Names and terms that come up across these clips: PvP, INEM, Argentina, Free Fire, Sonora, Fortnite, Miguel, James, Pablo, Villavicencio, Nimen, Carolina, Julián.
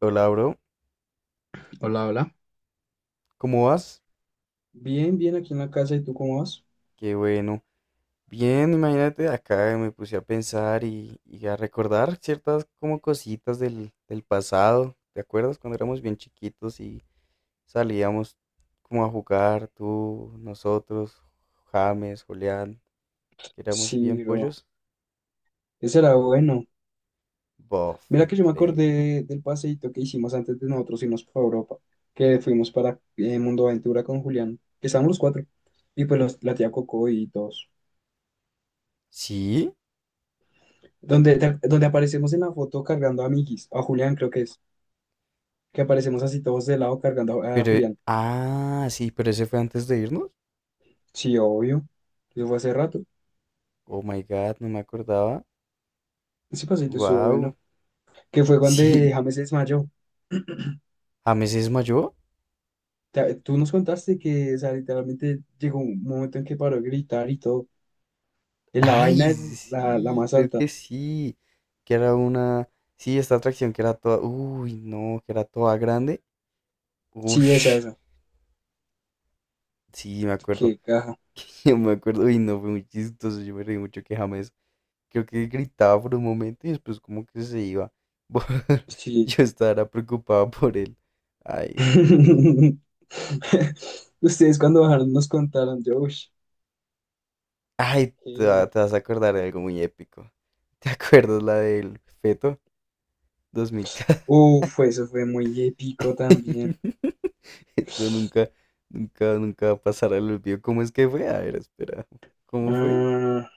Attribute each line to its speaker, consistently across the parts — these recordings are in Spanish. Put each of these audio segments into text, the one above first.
Speaker 1: Hola, bro.
Speaker 2: Hola, hola.
Speaker 1: ¿Cómo vas?
Speaker 2: Bien, bien aquí en la casa, ¿y tú cómo vas?
Speaker 1: Qué bueno. Bien, imagínate, acá me puse a pensar y a recordar ciertas como cositas del pasado. ¿Te acuerdas cuando éramos bien chiquitos y salíamos como a jugar, tú, nosotros, James, Julián, que éramos bien
Speaker 2: Sí, bro,
Speaker 1: pollos?
Speaker 2: ese era bueno.
Speaker 1: Bof,
Speaker 2: Mira que yo me
Speaker 1: increíble.
Speaker 2: acordé del paseíto que hicimos antes de nosotros irnos para Europa, que fuimos para Mundo Aventura con Julián, que estábamos los cuatro, y pues la tía Coco y todos.
Speaker 1: Sí,
Speaker 2: Donde, donde aparecemos en la foto cargando a Migis, a Julián creo que es, que aparecemos así todos de lado cargando a Julián.
Speaker 1: ah, sí, pero ese fue antes de irnos.
Speaker 2: Sí, obvio, eso fue hace rato.
Speaker 1: Oh my God, no me acordaba.
Speaker 2: Ese paseíto estuvo
Speaker 1: Wow.
Speaker 2: bueno, que fue cuando
Speaker 1: Sí,
Speaker 2: James se desmayó.
Speaker 1: James es mayor.
Speaker 2: Tú nos contaste que, o sea, literalmente llegó un momento en que paró de gritar y todo. En la
Speaker 1: Ay,
Speaker 2: vaina es la
Speaker 1: sí,
Speaker 2: más
Speaker 1: creo
Speaker 2: alta.
Speaker 1: que sí. Que era una. Sí, esta atracción que era toda. Uy, no, que era toda grande.
Speaker 2: Sí, esa,
Speaker 1: Ush.
Speaker 2: esa.
Speaker 1: Sí, me acuerdo.
Speaker 2: Qué caja.
Speaker 1: Yo me acuerdo. Uy, no, fue muy chistoso. Yo me reí mucho que James. Creo que gritaba por un momento y después como que se iba.
Speaker 2: Sí.
Speaker 1: Yo estaba preocupado por él. Ay, no.
Speaker 2: Ustedes cuando bajaron nos contaron, yo, uy,
Speaker 1: Ay,
Speaker 2: heavy.
Speaker 1: te vas a acordar de algo muy épico. ¿Te acuerdas la del feto 2000?
Speaker 2: Uf, eso fue muy épico también.
Speaker 1: Esto nunca, nunca, nunca pasará el olvido. ¿Cómo es que fue? A ver, espera. ¿Cómo fue?
Speaker 2: Ah,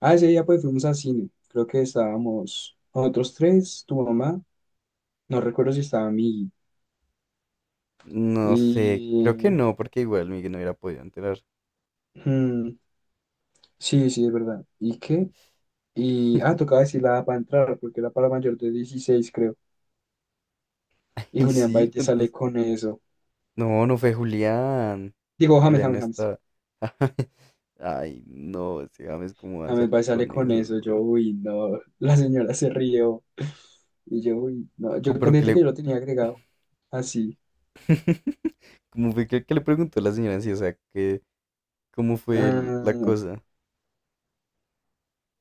Speaker 2: ah, ese día pues fuimos al cine. Creo que estábamos nosotros tres, tu mamá, no recuerdo si estaba mi...
Speaker 1: No sé, creo que
Speaker 2: Y...
Speaker 1: no, porque igual Miguel no hubiera podido enterar.
Speaker 2: hmm, sí, sí, es verdad. ¿Y qué? Y, tocaba decir la edad para entrar, porque era para mayor de 16 creo. Y
Speaker 1: Y
Speaker 2: Julián
Speaker 1: sí,
Speaker 2: Baite sale
Speaker 1: ¿cuántos?
Speaker 2: con eso.
Speaker 1: No, no fue Julián.
Speaker 2: Digo, James,
Speaker 1: Julián no
Speaker 2: James, James.
Speaker 1: está. Ay, no, ese James, ¿cómo va a
Speaker 2: James
Speaker 1: salir
Speaker 2: Baite sale
Speaker 1: con
Speaker 2: con
Speaker 1: esos,
Speaker 2: eso. Yo,
Speaker 1: bro?
Speaker 2: uy, no. La señora se rió. Y yo, uy, no. Yo
Speaker 1: Pero que
Speaker 2: contesté
Speaker 1: le.
Speaker 2: que yo lo tenía agregado. Así.
Speaker 1: ¿Cómo fue que le preguntó la señora si, o sea, que, cómo fue la
Speaker 2: Ah,
Speaker 1: cosa?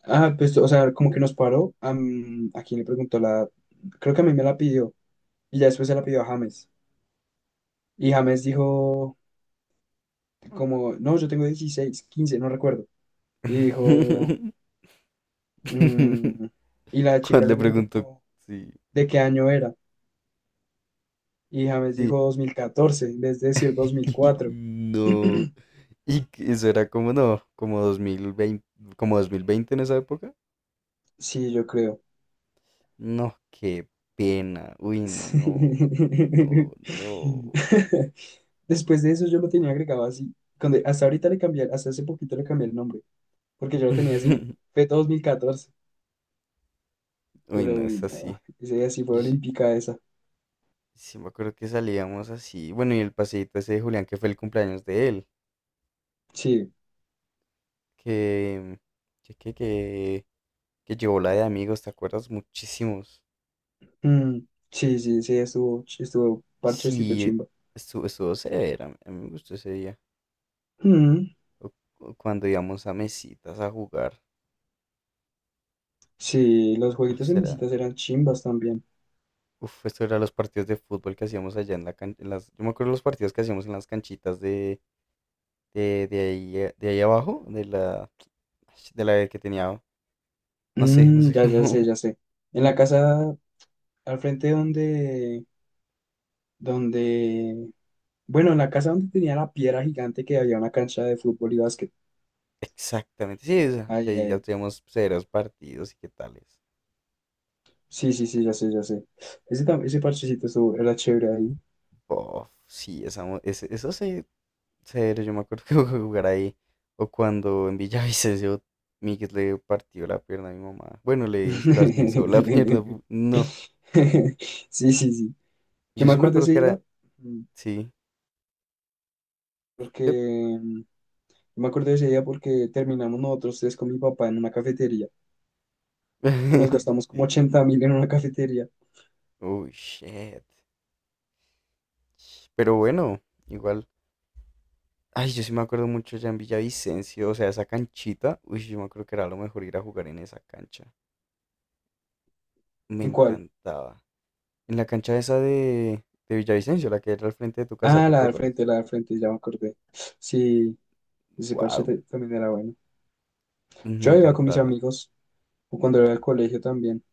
Speaker 2: ah, pues, o sea, como que nos paró. ¿A quién le preguntó la edad? Creo que a mí me la pidió. Y ya después se la pidió a James. Y James dijo, como, no, yo tengo 16 15 no recuerdo. Y dijo, mm, y la chica
Speaker 1: Cuando
Speaker 2: le
Speaker 1: le
Speaker 2: preguntó,
Speaker 1: preguntó,
Speaker 2: como,
Speaker 1: sí,
Speaker 2: de qué año era. Y James
Speaker 1: sí.
Speaker 2: dijo 2014 en vez de decir dos mil cuatro
Speaker 1: No. Y que eso era como no, como dos mil veinte en esa época.
Speaker 2: Sí, yo creo.
Speaker 1: No, qué pena. Uy,
Speaker 2: Sí.
Speaker 1: no, no, no.
Speaker 2: Después de eso yo lo tenía agregado así. Hasta ahorita le cambié, hasta hace poquito le cambié el nombre, porque yo lo tenía así, fue 2014,
Speaker 1: Uy,
Speaker 2: pero
Speaker 1: no
Speaker 2: uy,
Speaker 1: es
Speaker 2: no,
Speaker 1: así.
Speaker 2: ese día sí fue
Speaker 1: Yo sí,
Speaker 2: olímpica esa.
Speaker 1: sí me acuerdo que salíamos así. Bueno, y el paseíto ese de Julián que fue el cumpleaños de él,
Speaker 2: Sí,
Speaker 1: que que que que, que llevó la de amigos, ¿te acuerdas? Muchísimos.
Speaker 2: mm, sí, sí, sí, estuvo, estuvo parchecito
Speaker 1: Sí,
Speaker 2: chimba.
Speaker 1: estuvo severa. A mí me gustó ese día.
Speaker 2: Mm,
Speaker 1: O- o cuando íbamos a mesitas a jugar.
Speaker 2: sí, los
Speaker 1: Ah,
Speaker 2: jueguitos en
Speaker 1: será.
Speaker 2: misitas eran chimbas también.
Speaker 1: Uf, esto era los partidos de fútbol que hacíamos allá en las, yo me acuerdo los partidos que hacíamos en las canchitas de ahí, de ahí abajo, de la, de la que tenía, no sé, no
Speaker 2: Mm,
Speaker 1: sé
Speaker 2: ya, ya sé,
Speaker 1: cómo
Speaker 2: ya sé. En la casa, al frente donde, bueno, en la casa donde tenía la piedra gigante que había una cancha de fútbol y básquet.
Speaker 1: exactamente, sí, esa, que
Speaker 2: Ay,
Speaker 1: ahí ya
Speaker 2: ay.
Speaker 1: teníamos severos partidos y qué tales.
Speaker 2: Sí, sí, sí, ya sé, ya sé. Ese parchecito era chévere ahí.
Speaker 1: Bof, sí, esa, eso sí, severo, yo me acuerdo que jugar ahí, o cuando en Villavicencio Miguel le partió la pierna a mi mamá, bueno, la esguinzó la pierna, no,
Speaker 2: Sí, sí, sí. Yo
Speaker 1: yo
Speaker 2: me
Speaker 1: sí me
Speaker 2: acuerdo
Speaker 1: acuerdo
Speaker 2: ese
Speaker 1: que era,
Speaker 2: día, mm,
Speaker 1: sí.
Speaker 2: porque,
Speaker 1: ¿Qué?
Speaker 2: mm, yo me acuerdo de ese día porque terminamos nosotros tres con mi papá en una cafetería, que nos gastamos como
Speaker 1: Sí.
Speaker 2: 80.000 en una cafetería.
Speaker 1: Oh, shit. Pero bueno, igual. Ay, yo sí me acuerdo mucho ya en Villavicencio, o sea, esa canchita. Uy, yo me acuerdo que era lo mejor ir a jugar en esa cancha. Me
Speaker 2: ¿En cuál?
Speaker 1: encantaba. En la cancha esa de Villavicencio, la que era al frente de tu casa,
Speaker 2: Ah,
Speaker 1: ¿te acuerdas?
Speaker 2: la del frente, ya me acordé. Sí, ese parche
Speaker 1: Wow,
Speaker 2: también era bueno.
Speaker 1: me
Speaker 2: Yo iba con mis
Speaker 1: encantaba.
Speaker 2: amigos, o cuando era del colegio también.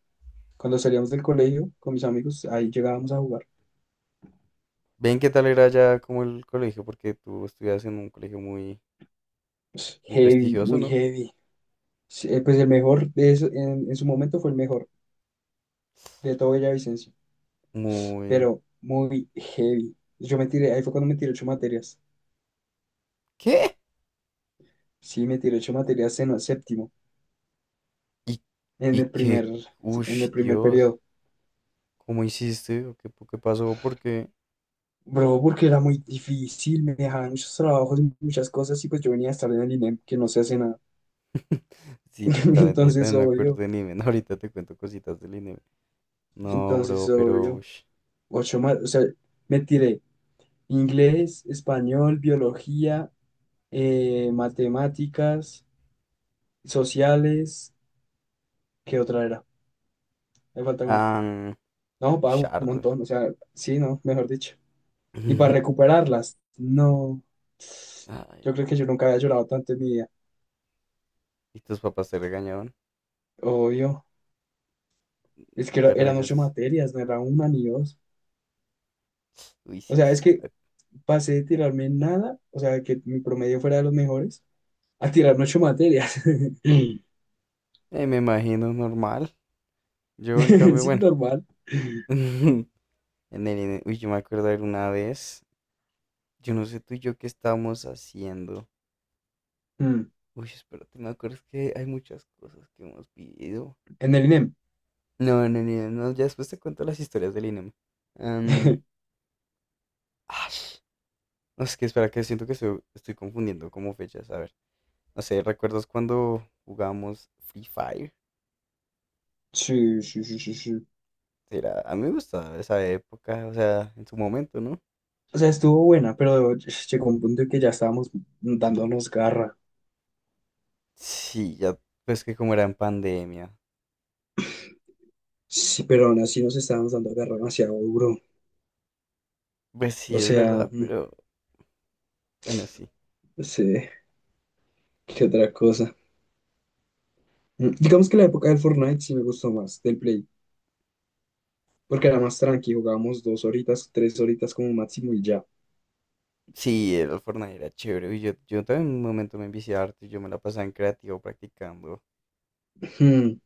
Speaker 2: Cuando salíamos del colegio con mis amigos, ahí llegábamos a jugar.
Speaker 1: Ven qué tal era ya como el colegio, porque tú estudias en un colegio muy,
Speaker 2: Pues,
Speaker 1: muy
Speaker 2: heavy,
Speaker 1: prestigioso,
Speaker 2: muy
Speaker 1: ¿no?
Speaker 2: heavy. Sí, pues el mejor de eso, en su momento fue el mejor de todo Villavicencio,
Speaker 1: Muy...
Speaker 2: pero muy heavy. Yo me tiré, ahí fue cuando me tiré ocho materias.
Speaker 1: ¿Qué?
Speaker 2: Sí, me tiré ocho materias en el séptimo,
Speaker 1: Y,
Speaker 2: en
Speaker 1: y
Speaker 2: el
Speaker 1: que...
Speaker 2: primer,
Speaker 1: Uy,
Speaker 2: en el primer
Speaker 1: Dios.
Speaker 2: periodo.
Speaker 1: ¿Cómo hiciste? ¿O qué, qué pasó? Porque
Speaker 2: Bro, porque era muy difícil, me dejaban muchos trabajos y muchas cosas y pues yo venía a estar en el INEM que no se hace nada.
Speaker 1: sí, totalmente. Yo
Speaker 2: Entonces,
Speaker 1: también me acuerdo
Speaker 2: obvio,
Speaker 1: del Nimen. Ahorita te cuento cositas del Nimen. No,
Speaker 2: entonces,
Speaker 1: bro, pero.
Speaker 2: obvio,
Speaker 1: Ush.
Speaker 2: ocho más, o sea, me tiré inglés, español, biología, matemáticas, sociales, ¿qué otra era? Me falta una.
Speaker 1: Ah,
Speaker 2: No,
Speaker 1: ush,
Speaker 2: pago un
Speaker 1: harto.
Speaker 2: montón, o sea, sí, no, mejor dicho. Y para recuperarlas, no,
Speaker 1: Ay,
Speaker 2: yo creo que yo nunca había llorado tanto en mi vida,
Speaker 1: y tus papás te regañaban,
Speaker 2: obvio. Es que
Speaker 1: pero
Speaker 2: eran ocho
Speaker 1: ellos.
Speaker 2: materias, no era una ni dos.
Speaker 1: Uy,
Speaker 2: O
Speaker 1: sí,
Speaker 2: sea, es que
Speaker 1: suave.
Speaker 2: pasé de tirarme nada, o sea, que mi promedio fuera de los mejores, a tirarme ocho materias.
Speaker 1: Me imagino normal. Yo, en cambio,
Speaker 2: Sí,
Speaker 1: bueno.
Speaker 2: normal.
Speaker 1: En el INEM. Uy, yo me acuerdo de una vez. Yo no sé tú y yo qué estábamos haciendo.
Speaker 2: Mm,
Speaker 1: Uy, espérate, me acuerdo es que hay muchas cosas que hemos vivido.
Speaker 2: En el INEM.
Speaker 1: No, no, no, no, ya después te cuento las historias del INEM. Am, ash, no, es que espera, que siento que estoy confundiendo como fechas. A ver, no sé, ¿recuerdas cuando jugábamos Free Fire?
Speaker 2: Sí, sí, sí, sí, sí.
Speaker 1: Era, a mí me gustaba esa época, o sea, en su momento, ¿no?
Speaker 2: O sea, estuvo buena, pero llegó un punto en que ya estábamos dándonos garra.
Speaker 1: Sí, ya, pues que como era en pandemia.
Speaker 2: Sí, pero aún así nos estábamos dando garra demasiado duro.
Speaker 1: Pues
Speaker 2: O
Speaker 1: sí, es
Speaker 2: sea,
Speaker 1: verdad, pero bueno, sí.
Speaker 2: no sé, qué otra cosa. Digamos que la época del Fortnite sí me gustó más, del Play. Porque era más tranqui, jugábamos 2 horitas, 3 horitas como máximo y ya.
Speaker 1: Sí, el Fortnite era chévere. Y yo también en un momento me envicié harto y yo me la pasaba en creativo practicando,
Speaker 2: Ujú.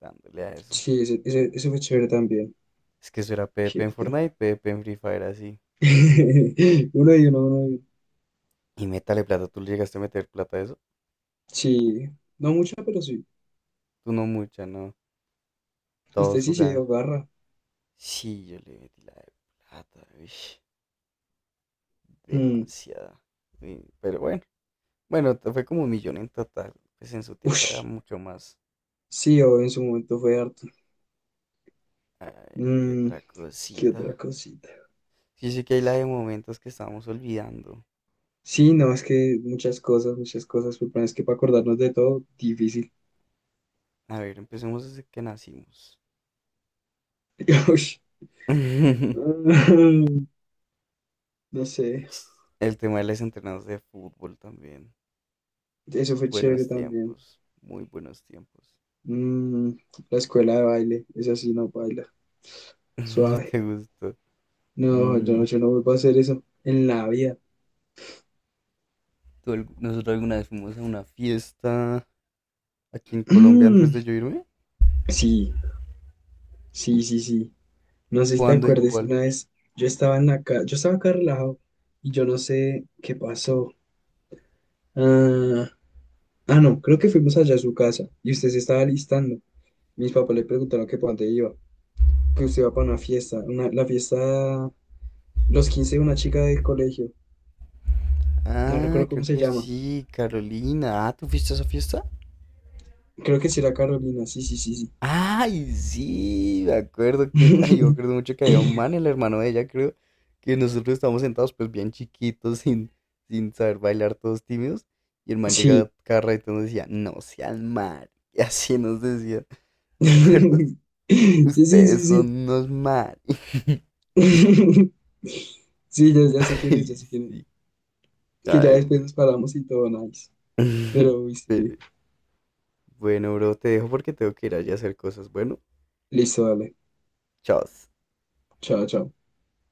Speaker 1: dándole a eso.
Speaker 2: Sí, ese fue chévere también.
Speaker 1: Es que eso era PvP
Speaker 2: ¿Qué
Speaker 1: en
Speaker 2: otro?
Speaker 1: Fortnite, PvP en Free Fire así.
Speaker 2: Uno y uno, uno y uno.
Speaker 1: Y métale plata, ¿tú le llegaste a meter plata a eso?
Speaker 2: Sí, no mucho, pero sí.
Speaker 1: Tú no mucha, no.
Speaker 2: Usted
Speaker 1: Todos
Speaker 2: sí se
Speaker 1: jugaban.
Speaker 2: dio garra.
Speaker 1: Sí, yo le metí la de plata, uish,
Speaker 2: Mm.
Speaker 1: demasiada. Uy, pero bueno, fue como 1 millón en total. Pues en su tiempo era
Speaker 2: Ush.
Speaker 1: mucho más.
Speaker 2: Sí, o en su momento fue harto.
Speaker 1: A ver, qué
Speaker 2: Mm,
Speaker 1: otra
Speaker 2: ¿Qué otra
Speaker 1: cosita.
Speaker 2: cosita?
Speaker 1: Sí, sí que hay la de momentos que estábamos olvidando.
Speaker 2: Sí, no, es que muchas cosas, pero bueno, es que para acordarnos de todo, difícil.
Speaker 1: A ver, empecemos desde que nacimos.
Speaker 2: Ush. No sé,
Speaker 1: El tema de los entrenados de fútbol también.
Speaker 2: eso fue chévere
Speaker 1: Buenos
Speaker 2: también.
Speaker 1: tiempos, muy buenos tiempos.
Speaker 2: Mm, la escuela de baile, esa sí no baila,
Speaker 1: No
Speaker 2: suave.
Speaker 1: te gustó.
Speaker 2: No,
Speaker 1: Mm,
Speaker 2: yo no vuelvo a hacer eso en la vida.
Speaker 1: nosotros alguna vez fuimos a una fiesta aquí en Colombia antes de yo irme.
Speaker 2: Sí, sí, sí, sí. No sé si te
Speaker 1: ¿Cuándo y
Speaker 2: acuerdas
Speaker 1: cuál?
Speaker 2: una vez, yo estaba en yo estaba acá relajado y yo no sé qué pasó. Ah, no, creo que fuimos allá a su casa y usted se estaba alistando. Mis papás le preguntaron que para dónde iba, que usted iba para una fiesta, la fiesta, los 15 de una chica del colegio, no
Speaker 1: Ah,
Speaker 2: recuerdo
Speaker 1: creo
Speaker 2: cómo se
Speaker 1: que
Speaker 2: llama.
Speaker 1: sí, Carolina. Ah, ¿tú fuiste a esa fiesta?
Speaker 2: Creo que sí era Carolina, sí, sí, sí, sí.
Speaker 1: Ay, sí, me acuerdo que, ay, yo me acuerdo mucho que había un man, el hermano de ella, creo, que nosotros estábamos sentados pues bien chiquitos, sin saber bailar, todos tímidos, y el man llegaba
Speaker 2: Sí.
Speaker 1: cada rato y nos decía, no sean mal, y así nos decía, ¿te acuerdas?
Speaker 2: Sí, sí, sí,
Speaker 1: Ustedes son
Speaker 2: sí.
Speaker 1: unos mal.
Speaker 2: Sí, ya, ya sé quién es, ya
Speaker 1: Ay,
Speaker 2: sé quién
Speaker 1: sí,
Speaker 2: es. Que ya
Speaker 1: ay,
Speaker 2: después
Speaker 1: güey.
Speaker 2: nos paramos y todo, nice. Pero, uy, sí.
Speaker 1: Bueno, bro, te dejo porque tengo que ir allá a hacer cosas. Bueno,
Speaker 2: Listo, dale.
Speaker 1: chao.
Speaker 2: Chao, chao.